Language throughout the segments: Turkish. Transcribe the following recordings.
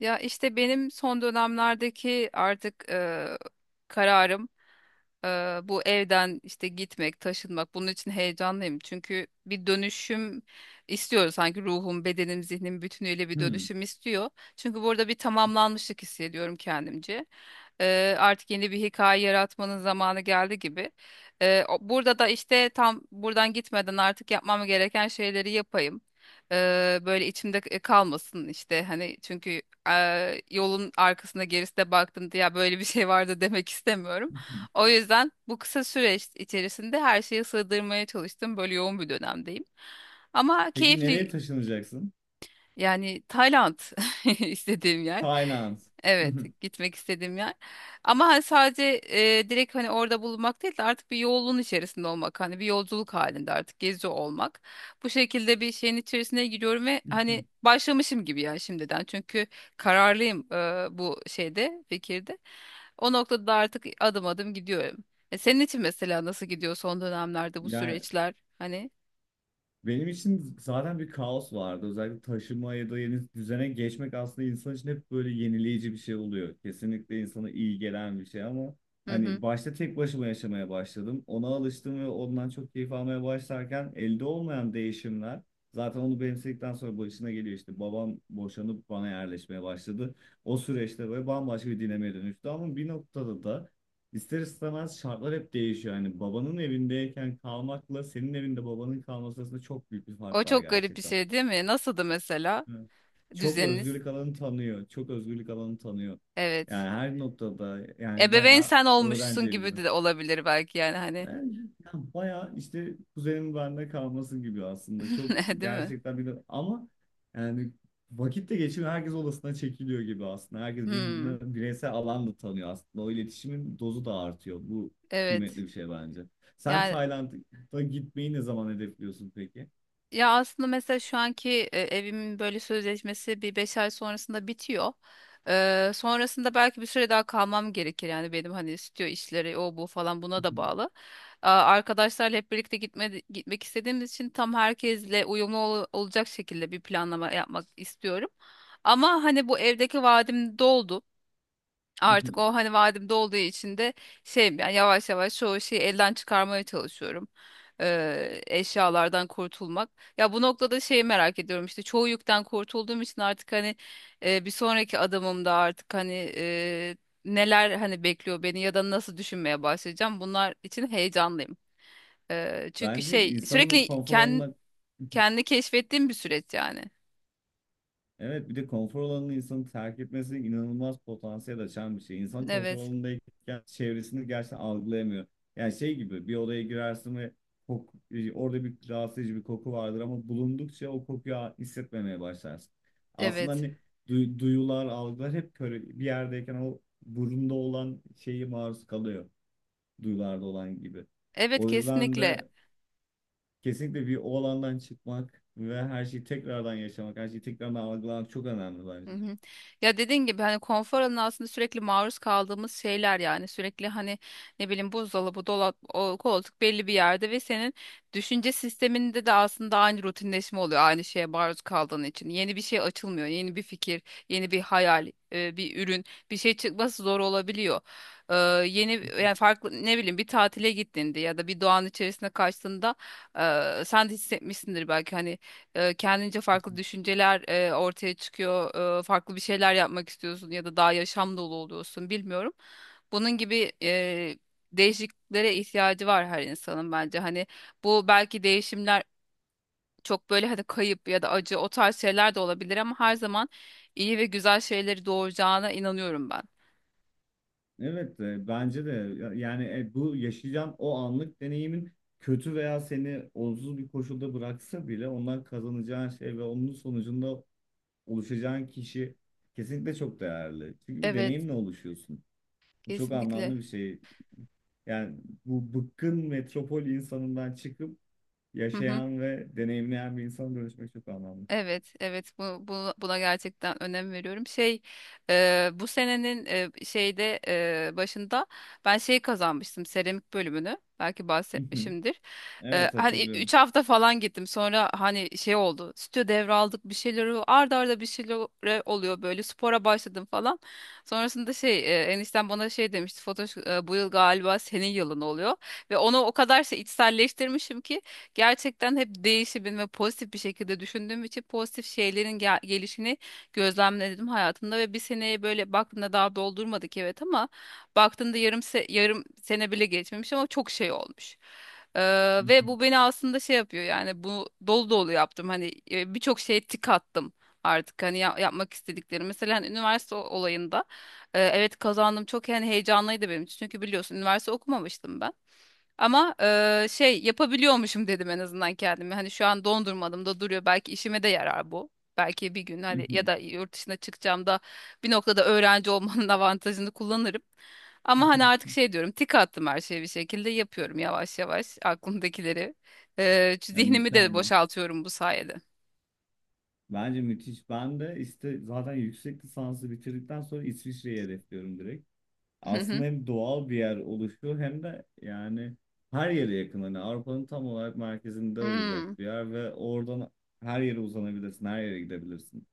Ya işte benim son dönemlerdeki artık kararım. Bu evden işte gitmek, taşınmak, bunun için heyecanlıyım. Çünkü bir dönüşüm istiyor sanki, ruhum, bedenim, zihnim bütünüyle bir Hmm. dönüşüm istiyor. Çünkü burada bir tamamlanmışlık hissediyorum kendimce. Artık yeni bir hikaye yaratmanın zamanı geldi gibi. Burada da işte tam buradan gitmeden artık yapmam gereken şeyleri yapayım. Böyle içimde kalmasın işte, hani çünkü yolun arkasında gerisine baktım diye "Ya böyle bir şey vardı" demek istemiyorum. O yüzden bu kısa süreç içerisinde her şeyi sığdırmaya çalıştım. Böyle yoğun bir dönemdeyim. Ama Peki keyifli. nereye taşınacaksın? Yani Tayland istediğim yer. Tayland. Evet, gitmek istediğim yer. Ama hani sadece direkt hani orada bulunmak değil de artık bir yolun içerisinde olmak, hani bir yolculuk halinde artık gezi olmak. Bu şekilde bir şeyin içerisine giriyorum ve hani başlamışım gibi ya, şimdiden. Çünkü kararlıyım bu şeyde, fikirde. O noktada da artık adım adım gidiyorum. Senin için mesela nasıl gidiyor son dönemlerde bu Yani süreçler? Hani, benim için zaten bir kaos vardı. Özellikle taşıma ya da yeni düzene geçmek aslında insan için hep böyle yenileyici bir şey oluyor. Kesinlikle insana iyi gelen bir şey ama hı hı. hani başta tek başıma yaşamaya başladım. Ona alıştım ve ondan çok keyif almaya başlarken elde olmayan değişimler zaten onu benimsedikten sonra başına geliyor işte. Babam boşanıp bana yerleşmeye başladı. O süreçte böyle bambaşka bir dinamiğe dönüştü ama bir noktada da İster istemez şartlar hep değişiyor. Yani babanın evindeyken kalmakla senin evinde babanın kalması arasında çok büyük bir O fark var çok garip bir gerçekten. şey değil mi? Nasıldı mesela? Evet. Çok Düzeniniz. özgürlük alanı tanıyor. Çok özgürlük alanı tanıyor. Yani Evet. her noktada yani Ebeveyn bayağı sen öğrenci olmuşsun evi gibi gibi. de olabilir belki, yani hani. Yani ya bayağı işte kuzenin bende kalması gibi aslında. Çok Değil mi? gerçekten bir de ama yani vakitte geçiyor. Herkes odasına çekiliyor gibi aslında. Herkes Hmm, birbirine bireysel alan da tanıyor aslında. O iletişimin dozu da artıyor. Bu evet. kıymetli bir şey bence. Sen Yani, Tayland'a gitmeyi ne zaman hedefliyorsun peki? ya aslında mesela şu anki evimin böyle sözleşmesi bir 5 ay sonrasında bitiyor. Sonrasında belki bir süre daha kalmam gerekir, yani benim hani stüdyo işleri, o bu falan, buna da bağlı. Arkadaşlarla hep birlikte gitme, gitmek istediğimiz için tam herkesle uyumlu olacak şekilde bir planlama yapmak istiyorum. Ama hani bu evdeki vaadim doldu. Artık o hani vadim dolduğu için de şey, yani yavaş yavaş çoğu şeyi elden çıkarmaya çalışıyorum. Eşyalardan kurtulmak. Ya bu noktada şeyi merak ediyorum işte, çoğu yükten kurtulduğum için artık hani bir sonraki adımımda artık hani neler hani bekliyor beni ya da nasıl düşünmeye başlayacağım, bunlar için heyecanlıyım. Çünkü Bence şey, insanın sürekli konfor kendi, alanına. kendi keşfettiğim bir süreç yani. Evet, bir de konfor alanını insanın terk etmesi inanılmaz potansiyel açan bir şey. İnsan konfor Evet, alanındayken çevresini gerçekten algılayamıyor. Yani şey gibi, bir odaya girersin ve orada bir rahatsız edici bir koku vardır ama bulundukça o kokuyu hissetmemeye başlarsın. Aslında evet. hani duyular, algılar hep böyle bir yerdeyken o burunda olan şeyi maruz kalıyor. Duyularda olan gibi. Evet, O yüzden kesinlikle. de kesinlikle bir o alandan çıkmak ve her şeyi tekrardan yaşamak, her şeyi tekrardan algılamak çok önemli Hı bence. hı. Ya, dediğin gibi hani konfor alanı aslında sürekli maruz kaldığımız şeyler, yani sürekli hani ne bileyim buzdolabı, dolap, o koltuk belli bir yerde ve senin düşünce sisteminde de aslında aynı rutinleşme oluyor, aynı şeye maruz kaldığın için. Yeni bir şey açılmıyor, yeni bir fikir, yeni bir hayal, bir ürün, bir şey çıkması zor olabiliyor. Ee, Yeni, yani farklı, ne bileyim bir tatile gittiğinde ya da bir doğanın içerisine kaçtığında sen de hissetmişsindir belki, hani kendince farklı düşünceler ortaya çıkıyor. Farklı bir şeyler yapmak istiyorsun ya da daha yaşam dolu oluyorsun, bilmiyorum. Bunun gibi değişikliklere ihtiyacı var her insanın bence. Hani bu belki değişimler çok böyle hani kayıp ya da acı, o tarz şeyler de olabilir, ama her zaman iyi ve güzel şeyleri doğuracağına inanıyorum ben. Evet, bence de. Yani, bu yaşayacağın o anlık deneyimin kötü veya seni olumsuz bir koşulda bıraksa bile ondan kazanacağın şey ve onun sonucunda oluşacağın kişi kesinlikle çok değerli. Çünkü bir Evet, deneyimle oluşuyorsun. Bu çok kesinlikle. anlamlı bir şey. Yani bu bıkkın metropol insanından çıkıp Hı hı. yaşayan ve deneyimleyen bir insana dönüşmek çok anlamlı. Evet, evet, buna gerçekten önem veriyorum. Şey, bu senenin şeyde başında ben şey kazanmıştım, seramik bölümünü. Belki bahsetmişimdir. Evet, Hani hatırlıyorum. 3 hafta falan gittim. Sonra hani şey oldu. Stüdyo devraldık, bir şeyleri, arda arda bir şeyler oluyor, böyle spora başladım falan. Sonrasında şey, enişten bana şey demişti. Fotoş, bu yıl galiba senin yılın oluyor. Ve onu o kadar şey içselleştirmişim ki gerçekten hep değişimin ve pozitif bir şekilde düşündüğüm için pozitif şeylerin gelişini gözlemledim hayatımda ve bir seneye böyle baktığında daha doldurmadık, evet, ama baktığında yarım sene bile geçmemiş, ama çok şey olmuş. Ee, Ve bu beni aslında şey yapıyor, yani bu, dolu dolu yaptım hani, birçok şeye tik attım artık hani yapmak istediklerim. Mesela hani üniversite olayında evet, kazandım, çok yani heyecanlıydı benim için çünkü biliyorsun üniversite okumamıştım ben. Ama şey yapabiliyormuşum dedim, en azından kendime. Hani şu an dondurmadım da duruyor. Belki işime de yarar bu. Belki bir gün hani ya da yurt dışına çıkacağım da bir noktada öğrenci olmanın avantajını kullanırım. Ama hani artık şey diyorum, tik attım, her şeyi bir şekilde yapıyorum, yavaş yavaş aklımdakileri. Ya, Zihnimi de mükemmel. boşaltıyorum bu sayede. Bence müthiş. Ben de işte zaten yüksek lisansı bitirdikten sonra İsviçre'yi hedefliyorum direkt. Hı Aslında hı. hem doğal bir yer oluşuyor hem de yani her yere yakın. Hani Avrupa'nın tam olarak merkezinde olacak Hmm. bir yer ve oradan her yere uzanabilirsin, her yere gidebilirsin.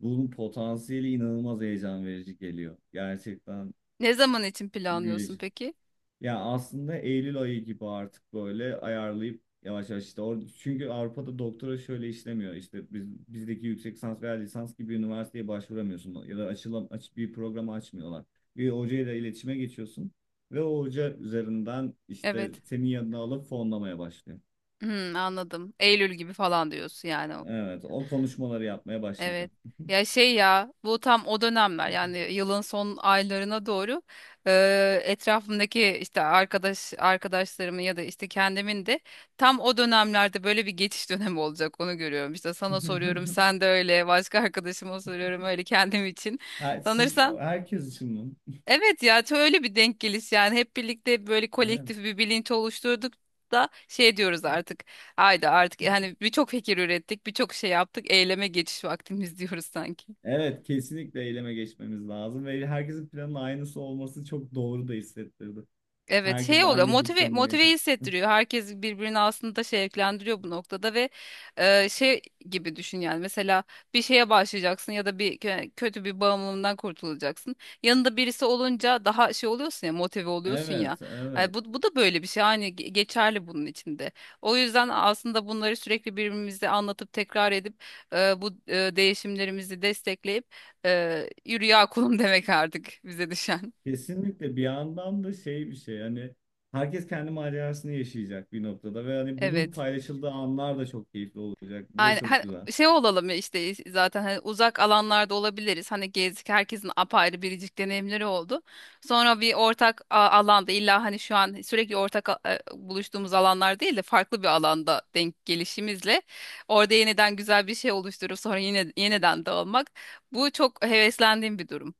Bunun potansiyeli inanılmaz heyecan verici geliyor. Gerçekten Ne zaman için planlıyorsun büyüleyici. peki? Ya aslında Eylül ayı gibi artık böyle ayarlayıp yavaş yavaş işte orada, çünkü Avrupa'da doktora şöyle işlemiyor işte biz bizdeki yüksek lisans veya lisans gibi üniversiteye başvuramıyorsun ya da açılan aç bir programı açmıyorlar. Bir hocayla iletişime geçiyorsun ve o hoca üzerinden işte Evet. senin yanına alıp fonlamaya başlıyor. Hmm, anladım. Eylül gibi falan diyorsun yani. Evet, o konuşmaları yapmaya Evet. başlayacağım. Ya şey, ya bu tam o dönemler, yani yılın son aylarına doğru etrafımdaki işte arkadaşlarımın ya da işte kendimin de tam o dönemlerde böyle bir geçiş dönemi olacak, onu görüyorum. İşte sana soruyorum, sen de öyle, başka arkadaşıma soruyorum öyle, kendim için. Ha, siz Sanırsam herkes için mi? evet, ya çok öyle bir denk geliş, yani hep birlikte böyle Evet. kolektif bir bilinç oluşturduk da şey diyoruz artık. Haydi artık, hani birçok fikir ürettik, birçok şey yaptık. Eyleme geçiş vaktimiz diyoruz sanki. Evet, kesinlikle eyleme geçmemiz lazım ve herkesin planının aynısı olması çok doğru da hissettirdi. Evet, Herkesin şey oluyor, aynı motive bıkkınlığı motive yaşadı. hissettiriyor, herkes birbirini aslında şevklendiriyor bu noktada. Ve şey gibi düşün, yani mesela bir şeye başlayacaksın ya da bir kötü bir bağımlılığından kurtulacaksın, yanında birisi olunca daha şey oluyorsun ya, motive oluyorsun ya. Evet, Yani evet. bu da böyle bir şey, hani geçerli bunun içinde. O yüzden aslında bunları sürekli birbirimize anlatıp tekrar edip bu değişimlerimizi destekleyip, yürü ya kulum demek artık bize düşen. Kesinlikle. Bir yandan da şey, bir şey hani, herkes kendi macerasını yaşayacak bir noktada ve hani bunun Evet. paylaşıldığı anlar da çok keyifli olacak. Bu da Aynen. çok Hani güzel. şey olalım ya, işte zaten hani uzak alanlarda olabiliriz. Hani gezdik, herkesin apayrı biricik deneyimleri oldu. Sonra bir ortak alanda, illa hani şu an sürekli ortak buluştuğumuz alanlar değil de farklı bir alanda denk gelişimizle orada yeniden güzel bir şey oluşturup sonra yine yeniden dağılmak. Bu çok heveslendiğim bir durum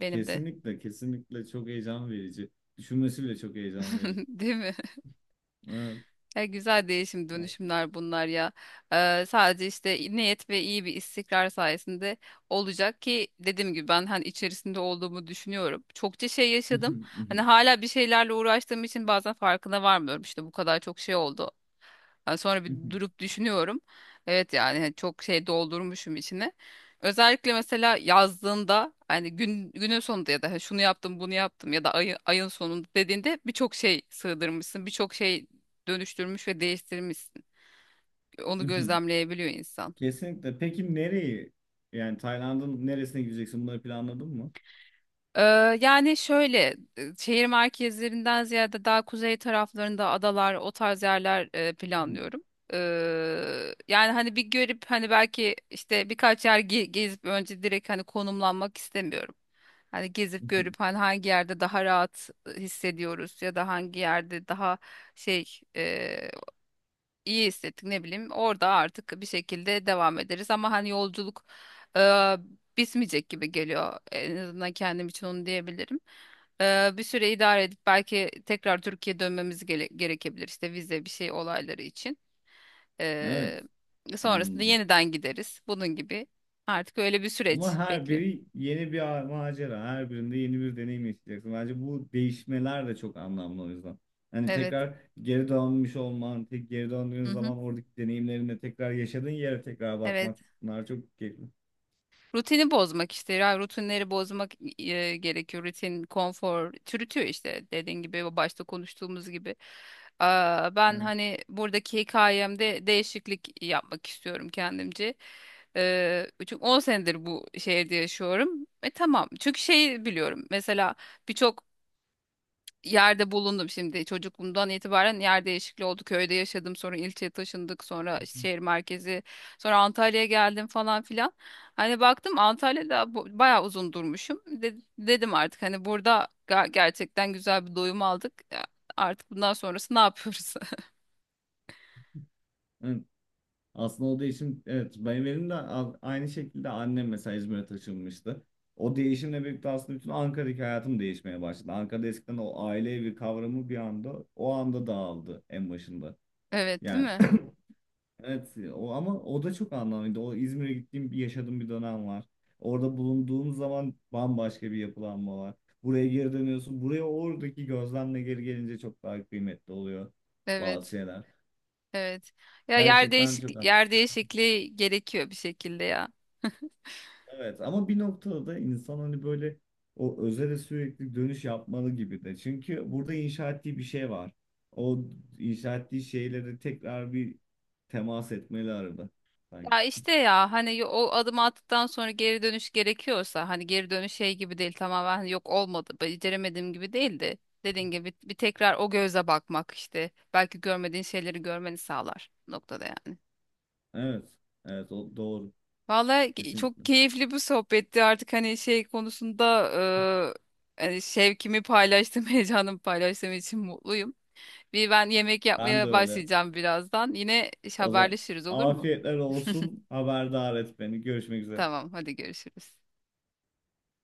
benim de. Kesinlikle, kesinlikle çok heyecan verici. Düşünmesi bile çok heyecan verici. Değil mi? Evet. Ya, güzel değişim dönüşümler bunlar ya. Sadece işte niyet ve iyi bir istikrar sayesinde olacak ki, dediğim gibi ben hani içerisinde olduğumu düşünüyorum. Çokça şey yaşadım. Hani hala bir şeylerle uğraştığım için bazen farkına varmıyorum, İşte bu kadar çok şey oldu. Yani sonra bir durup düşünüyorum. Evet, yani hani çok şey doldurmuşum içine. Özellikle mesela yazdığında hani günün sonunda ya da hani şunu yaptım bunu yaptım ya da ayın sonunda dediğinde birçok şey sığdırmışsın. Birçok şey dönüştürmüş ve değiştirmişsin. Onu gözlemleyebiliyor insan. Kesinlikle. Peki nereyi? Yani Tayland'ın neresine gideceksin? Bunları planladın mı? Ee, Yani şöyle, şehir merkezlerinden ziyade daha kuzey taraflarında adalar, o tarz yerler Hmm. planlıyorum. Yani hani bir görüp, hani belki işte birkaç yer gezip, önce direkt hani konumlanmak istemiyorum. Hani gezip görüp Mhm. hani hangi yerde daha rahat hissediyoruz ya da hangi yerde daha şey, e, iyi hissettik, ne bileyim, orada artık bir şekilde devam ederiz, ama hani yolculuk e, bitmeyecek gibi geliyor, en azından kendim için onu diyebilirim. Bir süre idare edip belki tekrar Türkiye'ye dönmemiz gerekebilir, işte vize bir şey olayları için. Evet. E, Sonrasında Anladım. yeniden gideriz, bunun gibi, artık öyle bir Ama süreç her bekliyorum. biri yeni bir macera. Her birinde yeni bir deneyim yaşayacaksın. Bence bu değişmeler de çok anlamlı o yüzden. Hani Evet. tekrar geri dönmüş olman, tek geri döndüğün Hı hı. zaman oradaki deneyimlerinde tekrar yaşadığın yere tekrar Evet. bakmak. Bunlar çok keyifli. Rutini bozmak işte. Ya rutinleri bozmak gerekiyor. Rutin, konfor çürütüyor işte, dediğin gibi, başta konuştuğumuz gibi. Ben Evet. hani buradaki hikayemde değişiklik yapmak istiyorum kendimce. Çünkü 10 senedir bu şehirde yaşıyorum. Tamam. Çünkü şey biliyorum. Mesela birçok yerde bulundum, şimdi çocukluğumdan itibaren yer değişikliği oldu, köyde yaşadım, sonra ilçeye taşındık, sonra şehir merkezi, sonra Antalya'ya geldim falan filan. Hani baktım Antalya'da bayağı uzun durmuşum. Dedim artık hani burada gerçekten güzel bir doyum aldık. Ya artık bundan sonrası ne yapıyoruz? Evet. Aslında o değişim, evet, benim de aynı şekilde, annem mesela İzmir'e taşınmıştı. O değişimle birlikte aslında bütün Ankara'daki hayatım değişmeye başladı. Ankara'da eskiden o aile evi kavramı bir anda, o anda dağıldı en başında. Evet, değil Yani mi? evet, o ama o da çok anlamlıydı. O İzmir'e gittiğim, bir yaşadığım bir dönem var. Orada bulunduğum zaman bambaşka bir yapılanma var. Buraya geri dönüyorsun. Buraya oradaki gözlemle geri gelince çok daha kıymetli oluyor bazı Evet, şeyler. evet, ya Gerçekten çok. Yer değişikliği gerekiyor bir şekilde, ya. Evet ama bir noktada da insan hani böyle o özele sürekli dönüş yapmalı gibi de. Çünkü burada inşa ettiği bir şey var. O inşa ettiği şeyleri tekrar bir temas etmeli arada sanki. Ya işte, ya hani o adımı attıktan sonra geri dönüş gerekiyorsa, hani geri dönüş şey gibi değil, tamamen hani yok olmadı, beceremediğim gibi değildi. Dediğin gibi bir tekrar o göze bakmak işte, belki görmediğin şeyleri görmeni sağlar noktada yani. Evet. Evet, o doğru. Vallahi, Kesinlikle. çok keyifli bir sohbetti. Artık hani şey konusunda hani şevkimi paylaştım, heyecanımı paylaştığım için mutluyum. Bir ben yemek Ben de yapmaya öyle. başlayacağım birazdan, yine O zaman haberleşiriz, olur mu? afiyetler olsun. Haberdar et beni. Görüşmek üzere. Tamam, hadi görüşürüz.